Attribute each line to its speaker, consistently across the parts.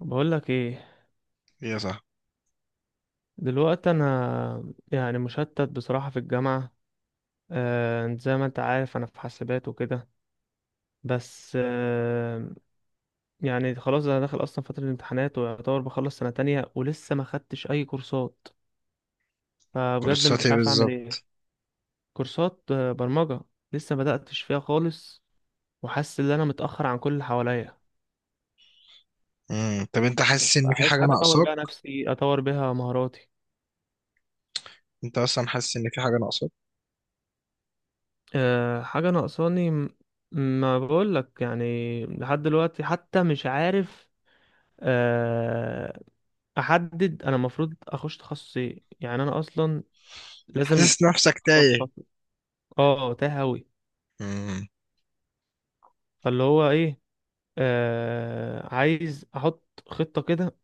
Speaker 1: بقول لك ايه.
Speaker 2: يا صح.
Speaker 1: دلوقتي انا يعني مشتت بصراحة في الجامعة. انت زي ما انت عارف انا في حاسبات وكده، بس يعني خلاص انا داخل اصلا فترة الامتحانات ويعتبر بخلص سنة تانية ولسه ما خدتش اي كورسات. فبجد مش
Speaker 2: كورساتي
Speaker 1: عارف اعمل
Speaker 2: بالظبط.
Speaker 1: ايه. كورسات، برمجة. لسه ما بدأتش فيها خالص، وحاسس ان انا متأخر عن كل اللي حواليا.
Speaker 2: مم. طب انت حاسس ان في
Speaker 1: عايز
Speaker 2: حاجه
Speaker 1: حاجة اطور
Speaker 2: ناقصاك؟
Speaker 1: بيها نفسي، اطور بيها مهاراتي.
Speaker 2: انت اصلا حاسس ان في حاجه ناقصاك؟
Speaker 1: أه، حاجة ناقصاني ما بقولك يعني لحد دلوقتي حتى مش عارف أه أحدد أنا المفروض أخش تخصص إيه. يعني أنا أصلا لازم
Speaker 2: حاسس نفسك
Speaker 1: أختار
Speaker 2: تايه؟
Speaker 1: تخصص. أه، تاه أوي.
Speaker 2: مم.
Speaker 1: فاللي هو إيه، أه عايز أحط خطة كده،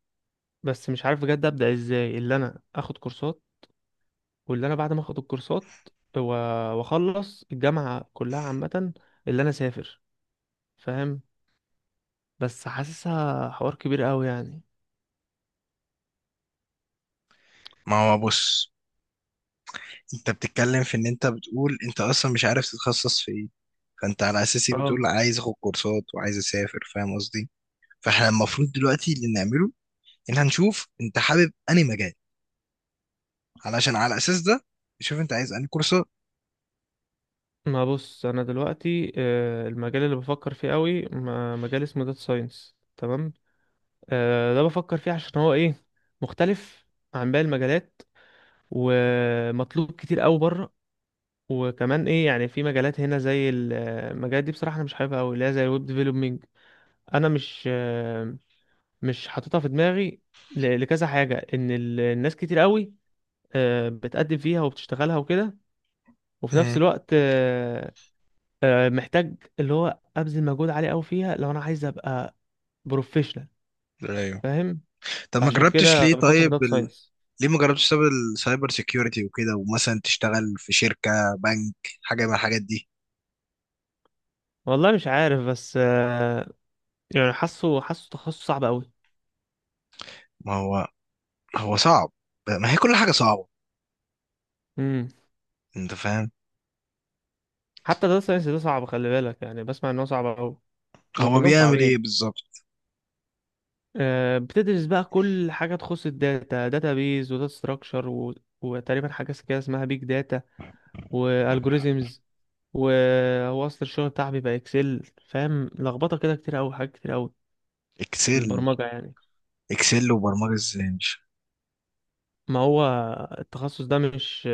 Speaker 1: بس مش عارف بجد أبدأ إزاي. اللي أنا أخد كورسات، واللي أنا بعد ما أخد الكورسات و- وأخلص الجامعة كلها، عامة اللي أنا أسافر، فاهم؟ بس حاسسها حوار كبير أوي يعني.
Speaker 2: ما هو بص، انت بتتكلم في ان انت بتقول انت اصلا مش عارف تتخصص في ايه. فانت على اساسي
Speaker 1: اه.
Speaker 2: بتقول عايز اخد كورسات وعايز اسافر، فاهم قصدي؟ فاحنا المفروض دلوقتي اللي نعمله ان هنشوف انت حابب انهي مجال، علشان على اساس ده نشوف انت عايز انهي كورسات.
Speaker 1: ما بص، انا دلوقتي المجال اللي بفكر فيه قوي مجال اسمه داتا ساينس، تمام؟ ده بفكر فيه عشان هو ايه، مختلف عن باقي المجالات، ومطلوب كتير قوي بره. وكمان ايه يعني، في مجالات هنا زي المجالات دي بصراحه انا مش حاببها قوي، اللي هي زي الويب ديفلوبمنج. انا مش مش حاططها في دماغي لكذا حاجه، ان الناس كتير قوي بتقدم فيها وبتشتغلها وكده. وفي نفس
Speaker 2: مم.
Speaker 1: الوقت محتاج اللي هو ابذل مجهود عالي قوي فيها لو انا عايز ابقى بروفيشنال،
Speaker 2: ايوه.
Speaker 1: فاهم؟
Speaker 2: طب ما
Speaker 1: فعشان
Speaker 2: جربتش
Speaker 1: كده
Speaker 2: ليه
Speaker 1: بفكر في
Speaker 2: طيب؟
Speaker 1: داتا ساينس.
Speaker 2: ليه ما جربتش تشتغل السايبر سيكيورتي وكده، ومثلا تشتغل في شركة، بنك، حاجة من الحاجات دي؟
Speaker 1: والله مش عارف، بس يعني حاسه، تخصص صعب قوي.
Speaker 2: ما هو هو صعب، ما هي كل حاجة صعبة،
Speaker 1: امم.
Speaker 2: انت فاهم؟
Speaker 1: حتى داتا ساينس ده صعب، خلي بالك، يعني بسمع ان هو صعب قوي. هم
Speaker 2: هو
Speaker 1: كلهم
Speaker 2: بيعمل ايه
Speaker 1: صعبين.
Speaker 2: بالظبط؟
Speaker 1: بتدرس بقى كل حاجه تخص الداتا، داتا بيز وداتا ستراكشر وتقريبا حاجه كده اسمها بيج داتا، والجوريزمز. وهو اصل الشغل بتاعي بيبقى اكسل، فاهم؟ لخبطه كده، كتير قوي حاجات كتير قوي في
Speaker 2: اكسل؟
Speaker 1: البرمجة يعني.
Speaker 2: اكسل وبرمجة ازاي؟ مش
Speaker 1: ما هو التخصص ده مش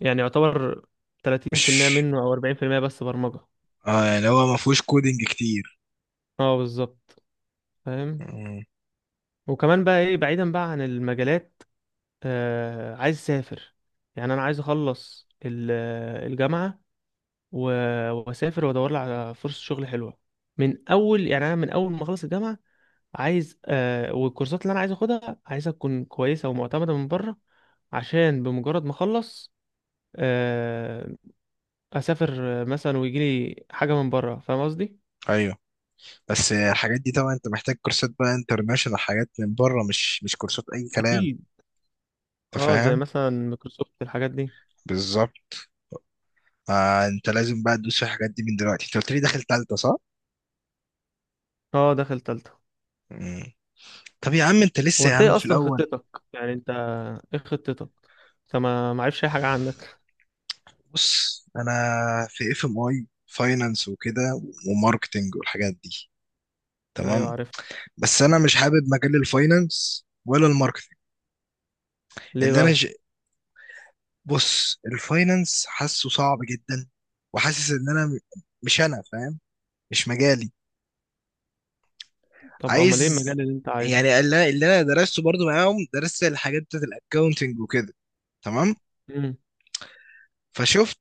Speaker 1: يعني يعتبر 30%
Speaker 2: مش
Speaker 1: منه أو 40% بس برمجة.
Speaker 2: اه، يعني هو ما فيهوش كودينج كتير.
Speaker 1: اه بالظبط، فاهم.
Speaker 2: مم.
Speaker 1: وكمان بقى ايه، بعيدا بقى عن المجالات، آه عايز اسافر. يعني انا عايز اخلص الجامعه واسافر وادور لي على فرصه شغل حلوه من اول. يعني انا من اول ما اخلص الجامعه عايز آه، والكورسات اللي انا عايز اخدها عايزها تكون كويسه ومعتمده من بره، عشان بمجرد ما اخلص آه اسافر مثلا ويجي لي حاجه من بره، فاهم قصدي؟
Speaker 2: ايوه، بس الحاجات دي طبعا انت محتاج كورسات بقى انترناشونال، حاجات من بره، مش كورسات اي كلام،
Speaker 1: اكيد.
Speaker 2: انت
Speaker 1: اه زي
Speaker 2: فاهم؟
Speaker 1: مثلا مايكروسوفت الحاجات دي.
Speaker 2: بالظبط. آه، انت لازم بقى تدوس في الحاجات دي من دلوقتي. انت قلت لي داخل تالتة صح؟
Speaker 1: اه داخل تالتة.
Speaker 2: مم. طب يا عم انت لسه
Speaker 1: هو
Speaker 2: يا
Speaker 1: انت
Speaker 2: عم
Speaker 1: ايه
Speaker 2: في
Speaker 1: اصلا
Speaker 2: الاول.
Speaker 1: خطتك، يعني انت ايه خطتك؟ انت ما عارفش اي حاجه عندك.
Speaker 2: بص انا في اف ام اي فاينانس وكده وماركتنج والحاجات دي،
Speaker 1: ايوه
Speaker 2: تمام.
Speaker 1: عارف.
Speaker 2: بس انا مش حابب مجال الفاينانس ولا الماركتنج.
Speaker 1: ليه
Speaker 2: اللي انا
Speaker 1: بقى؟
Speaker 2: ج... بص الفاينانس حاسه صعب جدا. وحاسس ان انا مش، انا فاهم مش مجالي.
Speaker 1: طب امال ايه
Speaker 2: عايز،
Speaker 1: المجال اللي انت عايزه؟
Speaker 2: يعني اللي انا درسته برضو معاهم، درست الحاجات بتاعت الاكاونتنج وكده، تمام.
Speaker 1: امم.
Speaker 2: فشفت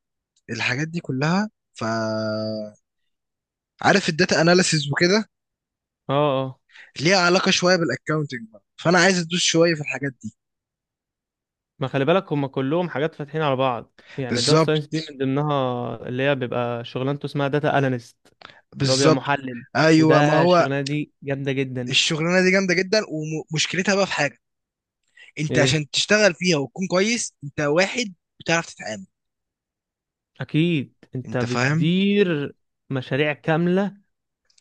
Speaker 2: الحاجات دي كلها، ف عارف الداتا اناليسيز وكده
Speaker 1: اه، اه.
Speaker 2: ليها علاقة شوية بالاكاونتنج بقى، فانا عايز ادوس شوية في الحاجات دي.
Speaker 1: ما خلي بالك، هما كلهم حاجات فاتحين على بعض، يعني داتا ساينس دي
Speaker 2: بالظبط.
Speaker 1: من ضمنها اللي هي بيبقى شغلانته اسمها داتا اناليست، اللي هو بيبقى
Speaker 2: بالظبط.
Speaker 1: محلل.
Speaker 2: ايوه ما
Speaker 1: وده
Speaker 2: هو
Speaker 1: الشغلانه دي جامده جدا.
Speaker 2: الشغلانة دي جامدة جدا. ومشكلتها بقى في حاجة، انت
Speaker 1: ايه؟
Speaker 2: عشان تشتغل فيها وتكون كويس انت واحد بتعرف تتعامل،
Speaker 1: اكيد انت
Speaker 2: انت فاهم؟
Speaker 1: بتدير مشاريع كامله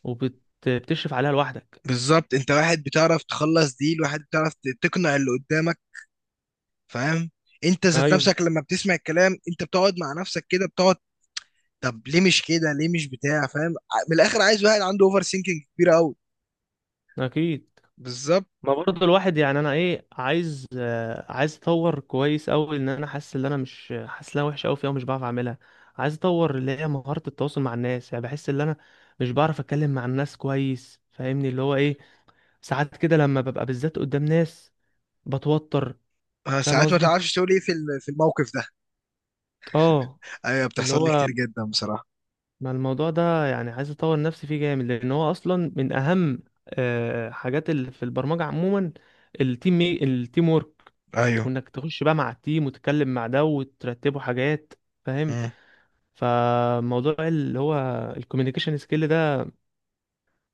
Speaker 1: وبتشرف عليها لوحدك.
Speaker 2: بالظبط، انت واحد بتعرف تخلص ديل، واحد بتعرف تقنع اللي قدامك، فاهم؟ انت ذات
Speaker 1: ايوه
Speaker 2: نفسك لما بتسمع الكلام انت بتقعد مع نفسك كده بتقعد. طب ليه مش كده، ليه مش بتاع، فاهم من الاخر عايز واحد عنده اوفر سينكينج كبيرة قوي.
Speaker 1: اكيد.
Speaker 2: بالظبط.
Speaker 1: ما برضه الواحد يعني، انا ايه عايز عايز اطور كويس قوي، ان انا حاسس ان انا مش حاسس ان انا وحش قوي فيها ومش بعرف اعملها. عايز اطور اللي هي مهاره التواصل مع الناس، يعني بحس ان انا مش بعرف اتكلم مع الناس كويس، فاهمني؟ اللي هو ايه، ساعات كده لما ببقى بالذات قدام ناس بتوتر، فاهم
Speaker 2: ساعات ما
Speaker 1: قصدي؟
Speaker 2: تعرفش تقول ايه في الموقف ده.
Speaker 1: اه.
Speaker 2: ايوه
Speaker 1: اللي
Speaker 2: بتحصل لي
Speaker 1: هو،
Speaker 2: كتير جدا بصراحه.
Speaker 1: ما الموضوع ده يعني عايز اطور نفسي فيه جامد، لان هو اصلا من اهم حاجات اللي في البرمجه عموما، التيم وورك،
Speaker 2: ايوه.
Speaker 1: وانك تخش بقى مع التيم وتتكلم مع ده وترتبوا حاجات، فاهم؟
Speaker 2: مم.
Speaker 1: فموضوع اللي هو الكوميونيكيشن سكيل ده،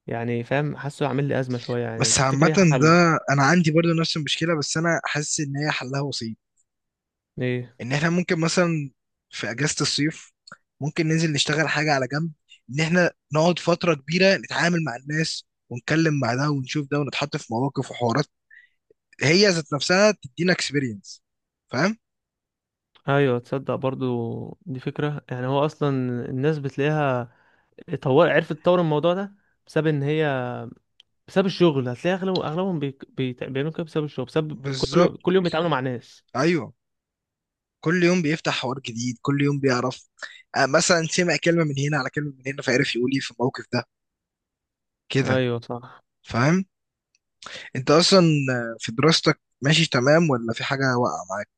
Speaker 1: يعني فاهم، حاسه عامل لي ازمه شويه، يعني
Speaker 2: بس
Speaker 1: تفتكر
Speaker 2: عامه،
Speaker 1: ايه حله؟
Speaker 2: ده انا عندي برضو نفس المشكله، بس انا حاسس ان هي حلها بسيط.
Speaker 1: ايه؟
Speaker 2: ان احنا ممكن مثلا في اجازه الصيف ممكن ننزل نشتغل حاجه على جنب، ان احنا نقعد فتره كبيره نتعامل مع الناس ونتكلم مع ده ونشوف ده ونتحط في مواقف وحوارات، هي ذات نفسها تدينا اكسبيرينس، فاهم؟
Speaker 1: ايوه تصدق برضو دي فكره. يعني هو اصلا الناس بتلاقيها طور، عرفت تطور الموضوع ده بسبب ان هي، بسبب الشغل. هتلاقي اغلب اغلبهم بيعملوا كده بسبب الشغل، بسبب كل
Speaker 2: بالظبط.
Speaker 1: كل يوم بيتعاملوا مع ناس.
Speaker 2: ايوه. كل يوم بيفتح حوار جديد، كل يوم بيعرف، مثلا سمع كلمة من هنا على كلمة من هنا، فعرف يقول ايه في الموقف ده كده.
Speaker 1: ايوه صح.
Speaker 2: فاهم. انت اصلا في دراستك ماشي تمام ولا في حاجة واقعة معاك؟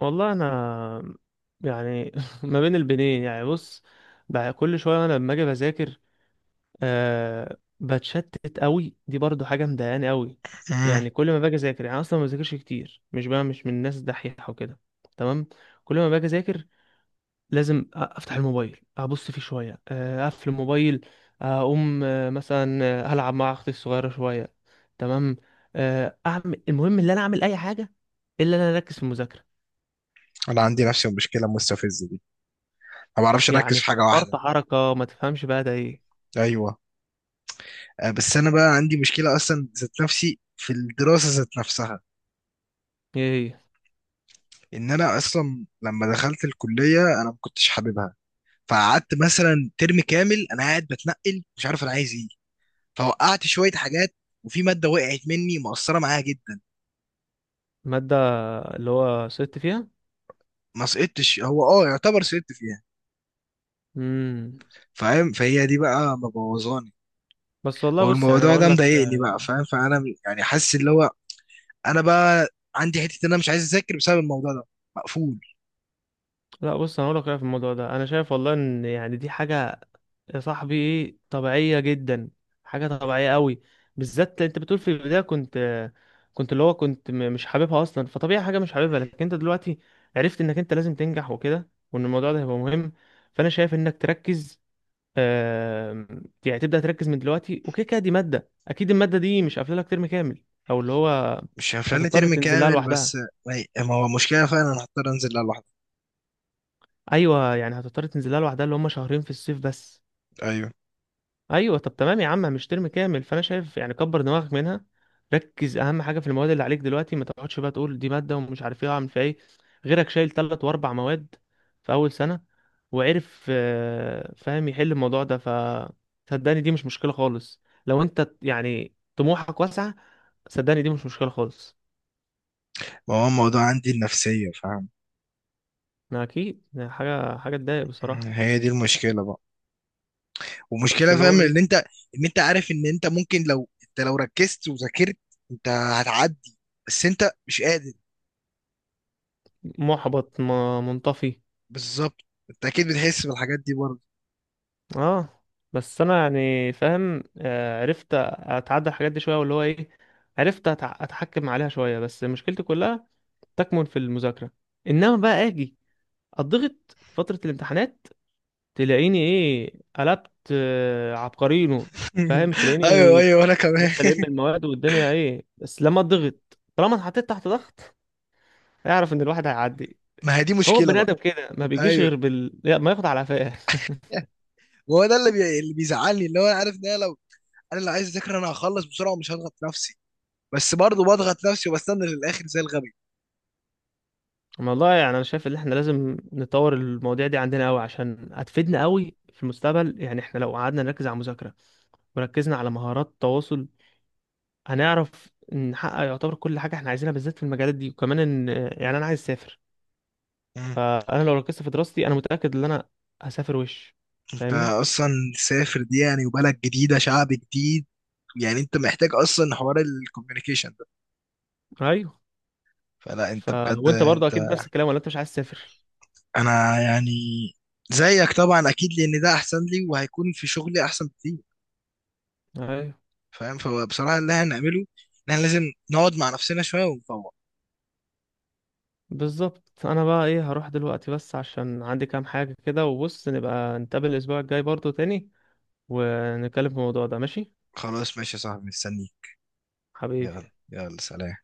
Speaker 1: والله انا يعني ما بين البنين، يعني بص، بقى كل شويه انا لما اجي بذاكر آه بتشتت قوي، دي برضو حاجه مضايقاني قوي.
Speaker 2: مم.
Speaker 1: يعني كل ما باجي اذاكر، يعني أنا اصلا ما بذاكرش كتير، مش بقى مش من الناس دحيحه وكده، تمام؟ كل ما باجي اذاكر لازم افتح الموبايل ابص فيه شويه، اقفل الموبايل، اقوم مثلا العب مع اختي الصغيره شويه، تمام؟ اعمل، المهم ان انا اعمل اي حاجه الا ان انا اركز في المذاكره.
Speaker 2: انا عندي نفس المشكلة المستفزة دي. ما بعرفش اركز
Speaker 1: يعني
Speaker 2: في حاجة
Speaker 1: فرط
Speaker 2: واحدة.
Speaker 1: حركه، ما تفهمش بقى ده ايه.
Speaker 2: ايوه. بس انا بقى عندي مشكلة اصلا ذات نفسي في الدراسة ذات نفسها.
Speaker 1: ايه هي؟
Speaker 2: ان انا اصلا لما دخلت الكلية انا ما كنتش حاببها. فقعدت مثلا ترم كامل انا قاعد بتنقل، مش عارف انا عايز ايه. فوقعت شويه حاجات، وفي ماده وقعت مني مؤثره معايا جدا.
Speaker 1: الماده اللي هو سقطت فيها.
Speaker 2: ما سقطتش، هو اه يعتبر سقطت فيها،
Speaker 1: امم.
Speaker 2: فاهم؟ فهي دي بقى مبوظاني.
Speaker 1: بس والله بص، يعني انا
Speaker 2: والموضوع ده
Speaker 1: اقول لك
Speaker 2: مضايقني بقى، فاهم؟ فانا يعني حاسس اللي هو، انا بقى عندي حته ان انا مش عايز اذاكر بسبب الموضوع ده، مقفول.
Speaker 1: لا بص، انا اقول لك رأيي في الموضوع ده. انا شايف والله ان يعني دي حاجه يا صاحبي ايه، طبيعية جدا، حاجة طبيعية قوي. بالذات انت بتقول في البداية كنت اللي هو كنت مش حاببها اصلا، فطبيعي حاجة مش حاببها. لكن انت دلوقتي عرفت انك انت لازم تنجح وكده، وان الموضوع ده هيبقى مهم. فانا شايف انك تركز، آم، يعني تبدأ تركز من دلوقتي وكده كده. دي مادة، اكيد المادة دي مش قافلة لك ترم كامل، او اللي هو
Speaker 2: مش هفلني
Speaker 1: هتضطر
Speaker 2: ترم
Speaker 1: تنزلها
Speaker 2: كامل بس.
Speaker 1: لوحدها.
Speaker 2: ما هو مشكله فعلا، انا هضطر انزل لها لوحدي.
Speaker 1: ايوه يعني هتضطر تنزلها لوحدها، اللي هم شهرين في الصيف بس.
Speaker 2: ايوه.
Speaker 1: ايوه طب تمام يا عم، مش ترم كامل. فانا شايف يعني كبر دماغك منها، ركز اهم حاجه في المواد اللي عليك دلوقتي. ما تقعدش بقى تقول دي ماده ومش عارف ايه اعمل فيها ايه. غيرك شايل ثلاث واربع مواد في اول سنه، وعرف فاهم يحل الموضوع ده. ف صدقني دي مش مشكله خالص لو انت يعني طموحك واسعه. صدقني دي مش مشكله خالص.
Speaker 2: ما هو الموضوع عندي النفسيه، فاهم؟
Speaker 1: انا اكيد، يعني حاجه، تضايق بصراحه.
Speaker 2: هي دي المشكله بقى.
Speaker 1: بس
Speaker 2: ومشكله،
Speaker 1: اللي هو
Speaker 2: فاهم، ان انت
Speaker 1: ايه،
Speaker 2: ان انت عارف ان انت ممكن، لو انت ركزت وذاكرت انت هتعدي، بس انت مش قادر.
Speaker 1: محبط، ما منطفي.
Speaker 2: بالظبط. انت اكيد بتحس بالحاجات دي برضه.
Speaker 1: اه. بس انا يعني فاهم عرفت اتعدى الحاجات دي شويه. واللي هو ايه، عرفت اتحكم عليها شويه. بس مشكلتي كلها تكمن في المذاكره. انما بقى اجي اضغط فتره الامتحانات، تلاقيني ايه، قلبت عبقرينو، فاهم؟
Speaker 2: ايوه
Speaker 1: تلاقيني
Speaker 2: ايوه انا كمان.
Speaker 1: عرفت المواد والدنيا ايه. بس لما اضغط، طالما اتحطيت تحت ضغط، اعرف ان الواحد هيعدي.
Speaker 2: ما هي دي
Speaker 1: هو
Speaker 2: مشكله
Speaker 1: بني
Speaker 2: بقى.
Speaker 1: ادم كده ما بيجيش
Speaker 2: ايوه،
Speaker 1: غير بال لا، ما ياخد على قفاه.
Speaker 2: هو ده اللي بيزعلني، اللي هو انا عارف ان انا لو عايز اذاكر انا هخلص بسرعه ومش هضغط نفسي، بس برضه بضغط نفسي وبستنى للاخر زي الغبي.
Speaker 1: والله يعني انا شايف ان احنا لازم نطور المواضيع دي عندنا قوي عشان هتفيدنا قوي في المستقبل. يعني احنا لو قعدنا نركز على المذاكره وركزنا على مهارات التواصل، هنعرف نحقق يعتبر كل حاجه احنا عايزينها، بالذات في المجالات دي. وكمان ان، يعني انا عايز اسافر.
Speaker 2: مم.
Speaker 1: فانا لو ركزت في دراستي انا متاكد ان انا هسافر وش،
Speaker 2: انت
Speaker 1: فاهمني؟
Speaker 2: اصلا سافر دي يعني وبلد جديده شعب جديد، يعني انت محتاج اصلا حوار الكوميونيكيشن.
Speaker 1: ايوه.
Speaker 2: فلا،
Speaker 1: ف
Speaker 2: انت بجد
Speaker 1: وانت برضه
Speaker 2: انت.
Speaker 1: اكيد نفس الكلام، ولا انت مش عايز تسافر؟
Speaker 2: انا يعني زيك طبعا اكيد، لان ده احسن لي وهيكون في شغلي احسن بكتير،
Speaker 1: ايوه
Speaker 2: فاهم؟ فبصراحه اللي احنا هنعمله ان احنا لازم نقعد مع نفسنا شويه ونفوق.
Speaker 1: بالظبط. انا بقى ايه هروح دلوقتي، بس عشان عندي كام حاجه كده. وبص نبقى نتقابل الاسبوع الجاي برضه تاني، ونتكلم في الموضوع ده، ماشي؟
Speaker 2: خلاص ماشي يا صاحبي، مستنيك.
Speaker 1: حبيبي.
Speaker 2: يلا يلا سلام.